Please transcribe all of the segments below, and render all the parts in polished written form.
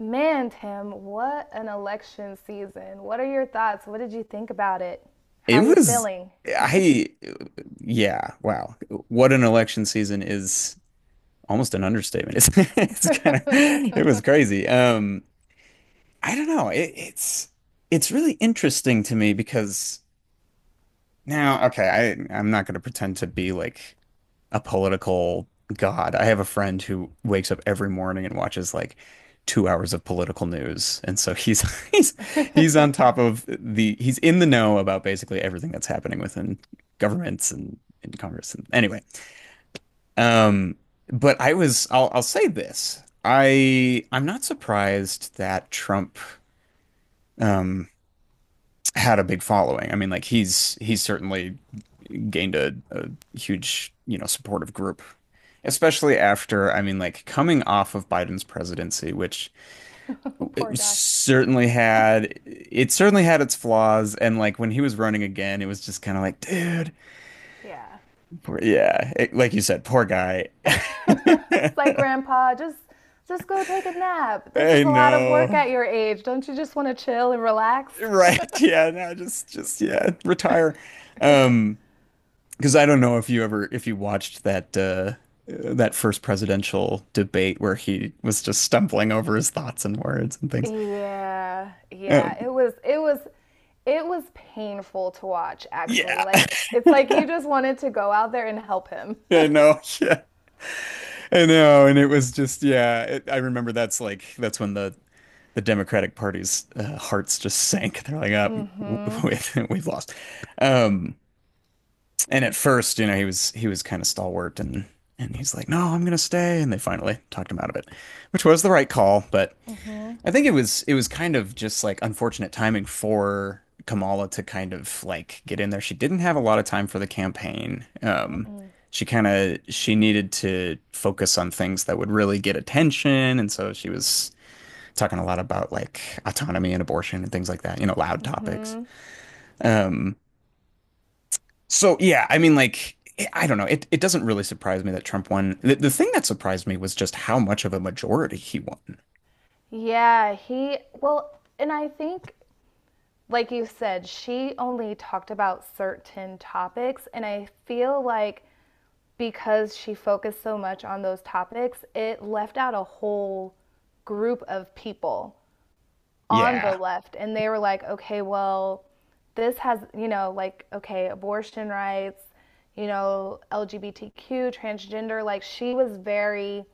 Man, Tim, what an election season. What are your thoughts? What did you think about it? How It are you was, feeling? I, yeah, wow. What an election season is almost an understatement. It was crazy. I don't know. It's really interesting to me because now, okay, I'm not going to pretend to be like a political god. I have a friend who wakes up every morning and watches like 2 hours of political news. And so he's he's he's on top of the he's in the know about basically everything that's happening within governments and in Congress. And anyway, um, but I'll say this. I'm not surprised that Trump um had a big following. I mean, like he's certainly gained a huge, you know, supportive group. Especially after, I mean, like coming off of Biden's presidency, which Poor guy. It certainly had its flaws. And like when he was running again, it was just kind of like, dude, Yeah. Yeah, like you said, poor guy. It's like grandpa, just go take a nap. This I is a lot of work know. at your age. Don't you just want to chill and relax? Right. Yeah. No, just, yeah, retire. Um, Because I don't know if you watched that that first presidential debate where he was just stumbling over his thoughts and words and things. Yeah. Yeah. Um, It was painful to watch actually. yeah, Like it's like you just wanted to go out there and help him. I know, yeah, I know, and it was just yeah. I remember that's when the Democratic Party's hearts just sank. They're like, up, Mm. Mhm. we've we've lost. Um, and at first, you know, he was kind of stalwart and he's like, no, I'm gonna stay. And they finally talked him out of it, which was the right call, but I think it was kind of just like unfortunate timing for Kamala to kind of like get in there. She didn't have a lot of time for the campaign. She kind of She needed to focus on things that would really get attention, and so she was talking a lot about like autonomy and abortion and things like that, you know, loud topics. Um, so yeah, I mean like I don't know. It doesn't really surprise me that Trump won. The thing that surprised me was just how much of a majority he won. Yeah, he well, and I think like you said, she only talked about certain topics. And I feel like because she focused so much on those topics, it left out a whole group of people on the Yeah. left. And they were like, okay, well, this has, you know, like, okay, abortion rights, LGBTQ, transgender. Like, she was very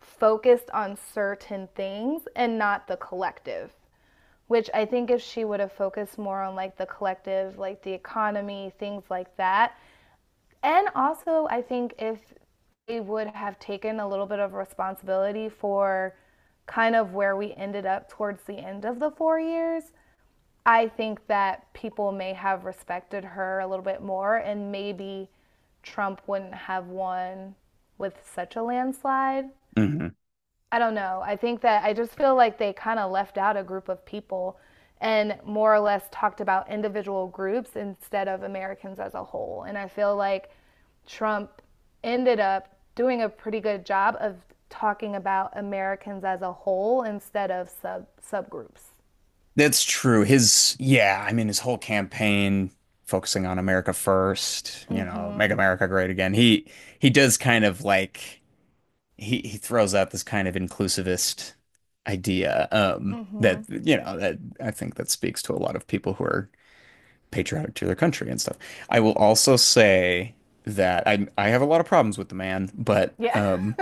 focused on certain things and not the collective, which I think if she would have focused more on like the collective, like the economy, things like that. And also, I think if they would have taken a little bit of responsibility for kind of where we ended up towards the end of the 4 years, I think that people may have respected her a little bit more and maybe Trump wouldn't have won with such a landslide. Mhm. I don't know. I think that I just feel like they kind of left out a group of people and more or less talked about individual groups instead of Americans as a whole. And I feel like Trump ended up doing a pretty good job of talking about Americans as a whole instead of subgroups. That's true. Yeah, I mean, his whole campaign focusing on America first, you know, make Mhm. America great again. He does kind of like he throws out this kind of inclusivist idea that Mhm. you know that I think that speaks to a lot of people who are patriotic to their country and stuff. I will also say that I have a lot of problems with the man, but Yeah. um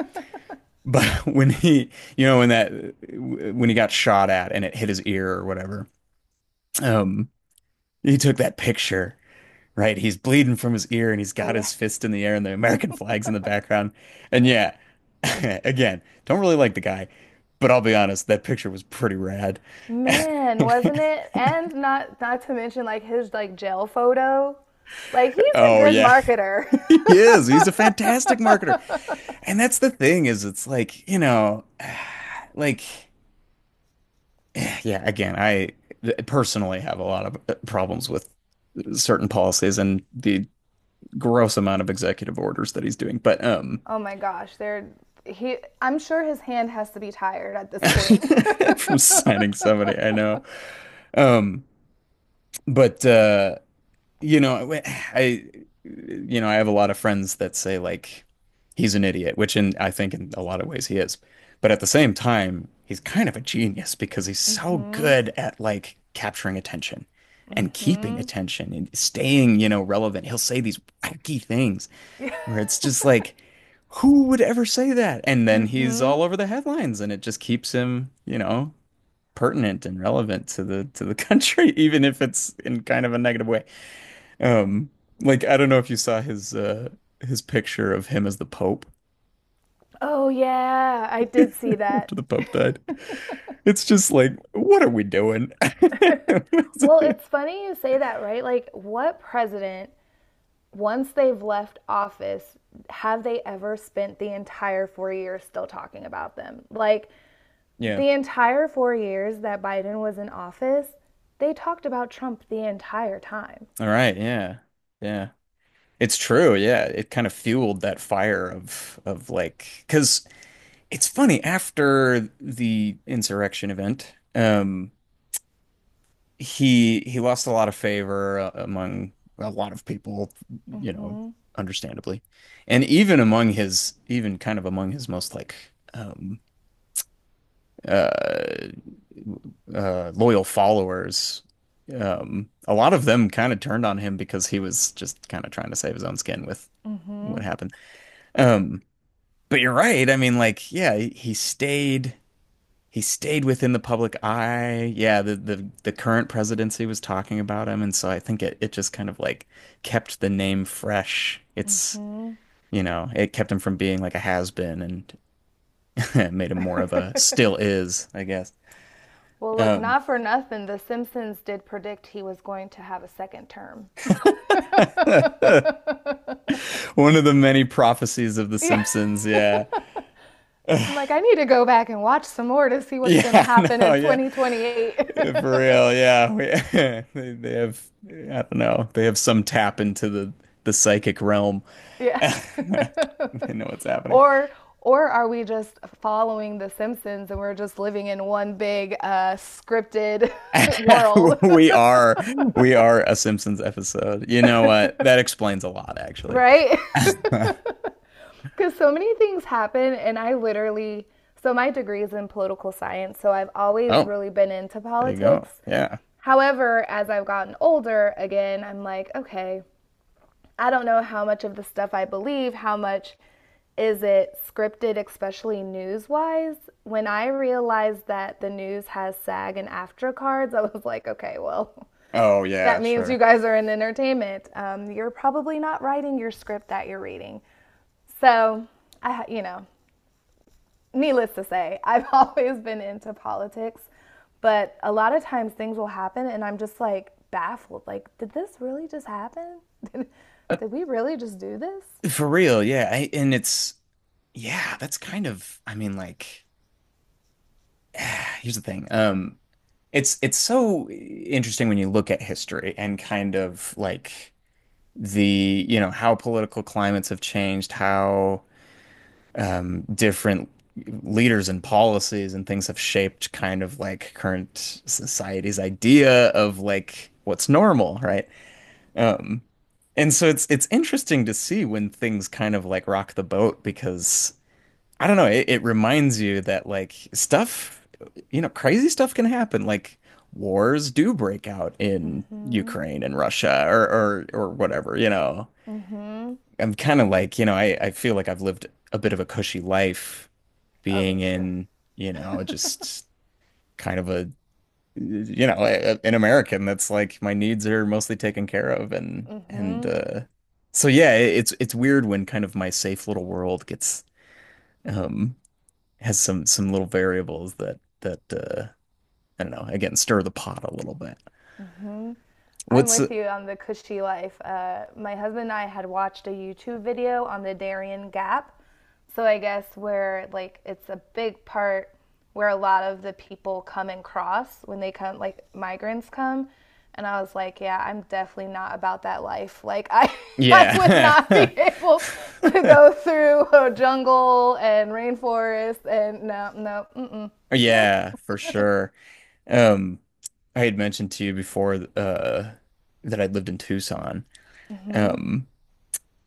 but when he you know when that when he got shot at and it hit his ear or whatever. Um he took that picture, right? He's bleeding from his ear and he's Oh got yeah. his fist in the air and the American flag's in the background. And yeah, again, don't really like the guy, but I'll be honest, that picture was pretty rad. Man, wasn't it? And not to mention like his like jail photo. Like he's a Oh good yeah. marketer. He is. He's a fantastic marketer. And that's the thing is it's like, you know, like yeah, again, I personally have a lot of problems with certain policies and the gross amount of executive orders that he's doing. But Oh my gosh, they're he I'm sure his hand has to be tired at this point. from signing somebody I know. Um, but you know, you know, I have a lot of friends that say like he's an idiot, which in I think in a lot of ways he is. But at the same time, he's kind of a genius because he's so good at like capturing attention and keeping attention and staying, you know, relevant. He'll say these wacky things where it's just like, who would ever say that? And then he's Mhm. all over the headlines and it just keeps him, you know, pertinent and relevant to the country, even if it's in kind of a negative way. Um, like I don't know if you saw his his picture of him as the Pope Oh yeah, I did see after that. the Pope died. It's just like, what are we doing? Well, it's funny you say that, right? Like what president once they've left office have they ever spent the entire 4 years still talking about them? Like Yeah. the entire 4 years that Biden was in office, they talked about Trump the entire time. All right. Yeah. Yeah. It's true. Yeah. It kind of fueled that fire of like because it's funny after the insurrection event. He lost a lot of favor among a lot of people, you know, Mhm. understandably, and even kind of among his most like um, uh, loyal followers. A lot of them kind of turned on him because he was just kind of trying to save his own skin with what Mhm. happened. Um, but you're right. I mean, like, yeah, he stayed within the public eye. Yeah, the current presidency was talking about him, and so I think it just kind of like kept the name fresh. It's, you know, it kept him from being like a has been and made him more of a still is, I guess. Well, look, Um, not for nothing, The Simpsons did predict he was going to have a second term. One of the many prophecies of The Yeah. Simpsons. Yeah, I'm like, I need to go back and watch some more to see what's going to yeah, happen no, in yeah. 2028. For real, yeah. They, they have, I don't know, they have some tap into the psychic realm. Yeah. They know what's happening. or or are we just following The Simpsons and we're just living in one big scripted world, We are we are a Simpsons episode. You know what? That explains a lot, actually. right? Because so many things happen, and I literally, so my degree is in political science, so I've always Oh, really been into there you go. politics. Yeah. However, as I've gotten older, again, I'm like, okay, I don't know how much of the stuff I believe, how much is it scripted, especially news wise. When I realized that the news has SAG and AFTRA cards, I was like, okay, well, Oh, yeah, that means you sure. guys are in entertainment. You're probably not writing your script that you're reading. So, I, you know, needless to say, I've always been into politics, but a lot of times things will happen and I'm just like baffled. Like, did this really just happen? Uh, Did we really just do this? for real, yeah. And it's yeah, that's kind of I mean, like, here's the thing. It's so interesting when you look at history and kind of like you know, how political climates have changed, how different leaders and policies and things have shaped kind of like current society's idea of like what's normal, right? Um, and so it's interesting to see when things kind of like rock the boat because I don't know, it reminds you that like stuff, you know, crazy stuff can happen. Like wars do break out in Ukraine and Russia or whatever, you know. Mm. I'm kind of like, you know, I feel like I've lived a bit of a cushy life Oh, me being too. in, you know, just kind of a, you know, a, an American that's like my needs are mostly taken care of and so yeah, it's weird when kind of my safe little world gets um has some little variables that I don't know, again, stir the pot a little bit. I'm What's with you on the cushy life. My husband and I had watched a YouTube video on the Darien Gap. So I guess where like it's a big part where a lot of the people come and cross when they come, like migrants come. And I was like, yeah, I'm definitely not about that life. Like I, I would not Yeah. be able to go through a jungle and rainforest and no, no, mm-mm, nope. Yeah, for sure. Um I had mentioned to you before that I'd lived in Tucson. Mm. Um,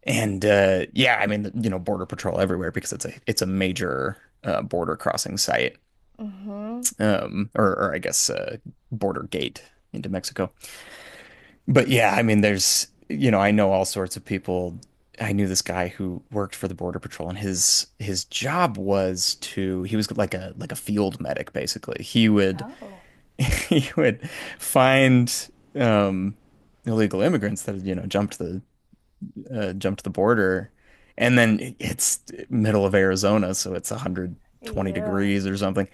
And yeah, I mean, you know, border patrol everywhere because it's a major border crossing site, or I guess border gate into Mexico. But yeah, I mean, there's you know, I know all sorts of people. I knew this guy who worked for the border patrol, and his job was to he was like a field medic basically. He would Oh, he would find um, illegal immigrants that had, you know, jumped the border, and then it's middle of Arizona, so it's 120 yeah. degrees or something.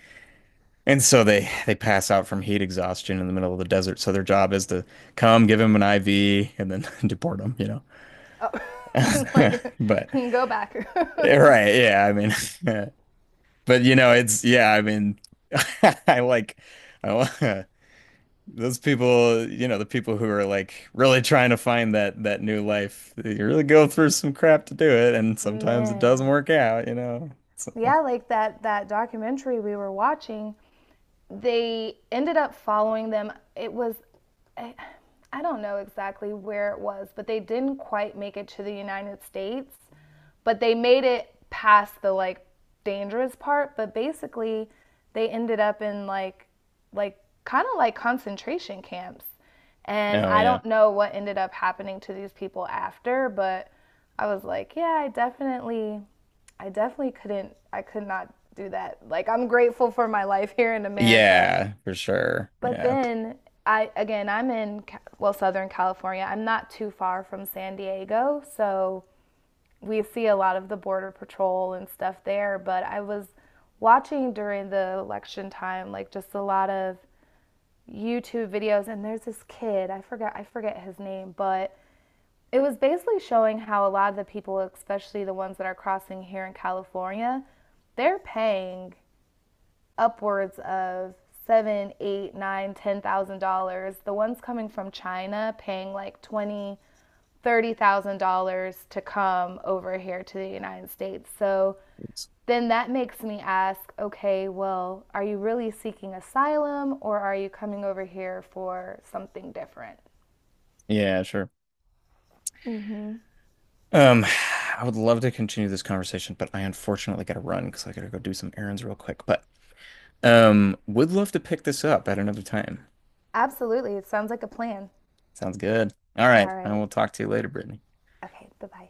And so they pass out from heat exhaustion in the middle of the desert. So their job is to come, give him an IV, and then deport him, you know. Oh, like But go back. right, yeah, I mean, but you know, it's yeah, I mean, I like I, those people, you know, the people who are like really trying to find that new life, you really go through some crap to do it, and sometimes it doesn't Man. work out, you know. So, Yeah, like that documentary we were watching, they ended up following them. It was I, I don't know exactly where it was, but they didn't quite make it to the United States, but they made it past the like dangerous part, but basically they ended up in like like kind of like concentration camps. And oh I yeah. don't know what ended up happening to these people after, but I was like, yeah, I could not do that. Like I'm grateful for my life here in America. Yeah, for sure. But Yeah. then I again, I'm in well, Southern California. I'm not too far from San Diego, so we see a lot of the border patrol and stuff there, but I was watching during the election time like just a lot of YouTube videos, and there's this kid. I forget his name, but it was basically showing how a lot of the people, especially the ones that are crossing here in California, they're paying upwards of seven, eight, nine, $10,000. The ones coming from China paying like 20, $30,000 to come over here to the United States. So It's- then that makes me ask okay, well, are you really seeking asylum or are you coming over here for something different? Yeah, sure. Um, I would love to continue this conversation, but I unfortunately gotta run because I gotta go do some errands real quick. But would love to pick this up at another time. Absolutely. It sounds like a plan. Sounds good. All right, All I right. will talk to you later, Brittany. Okay. Bye bye.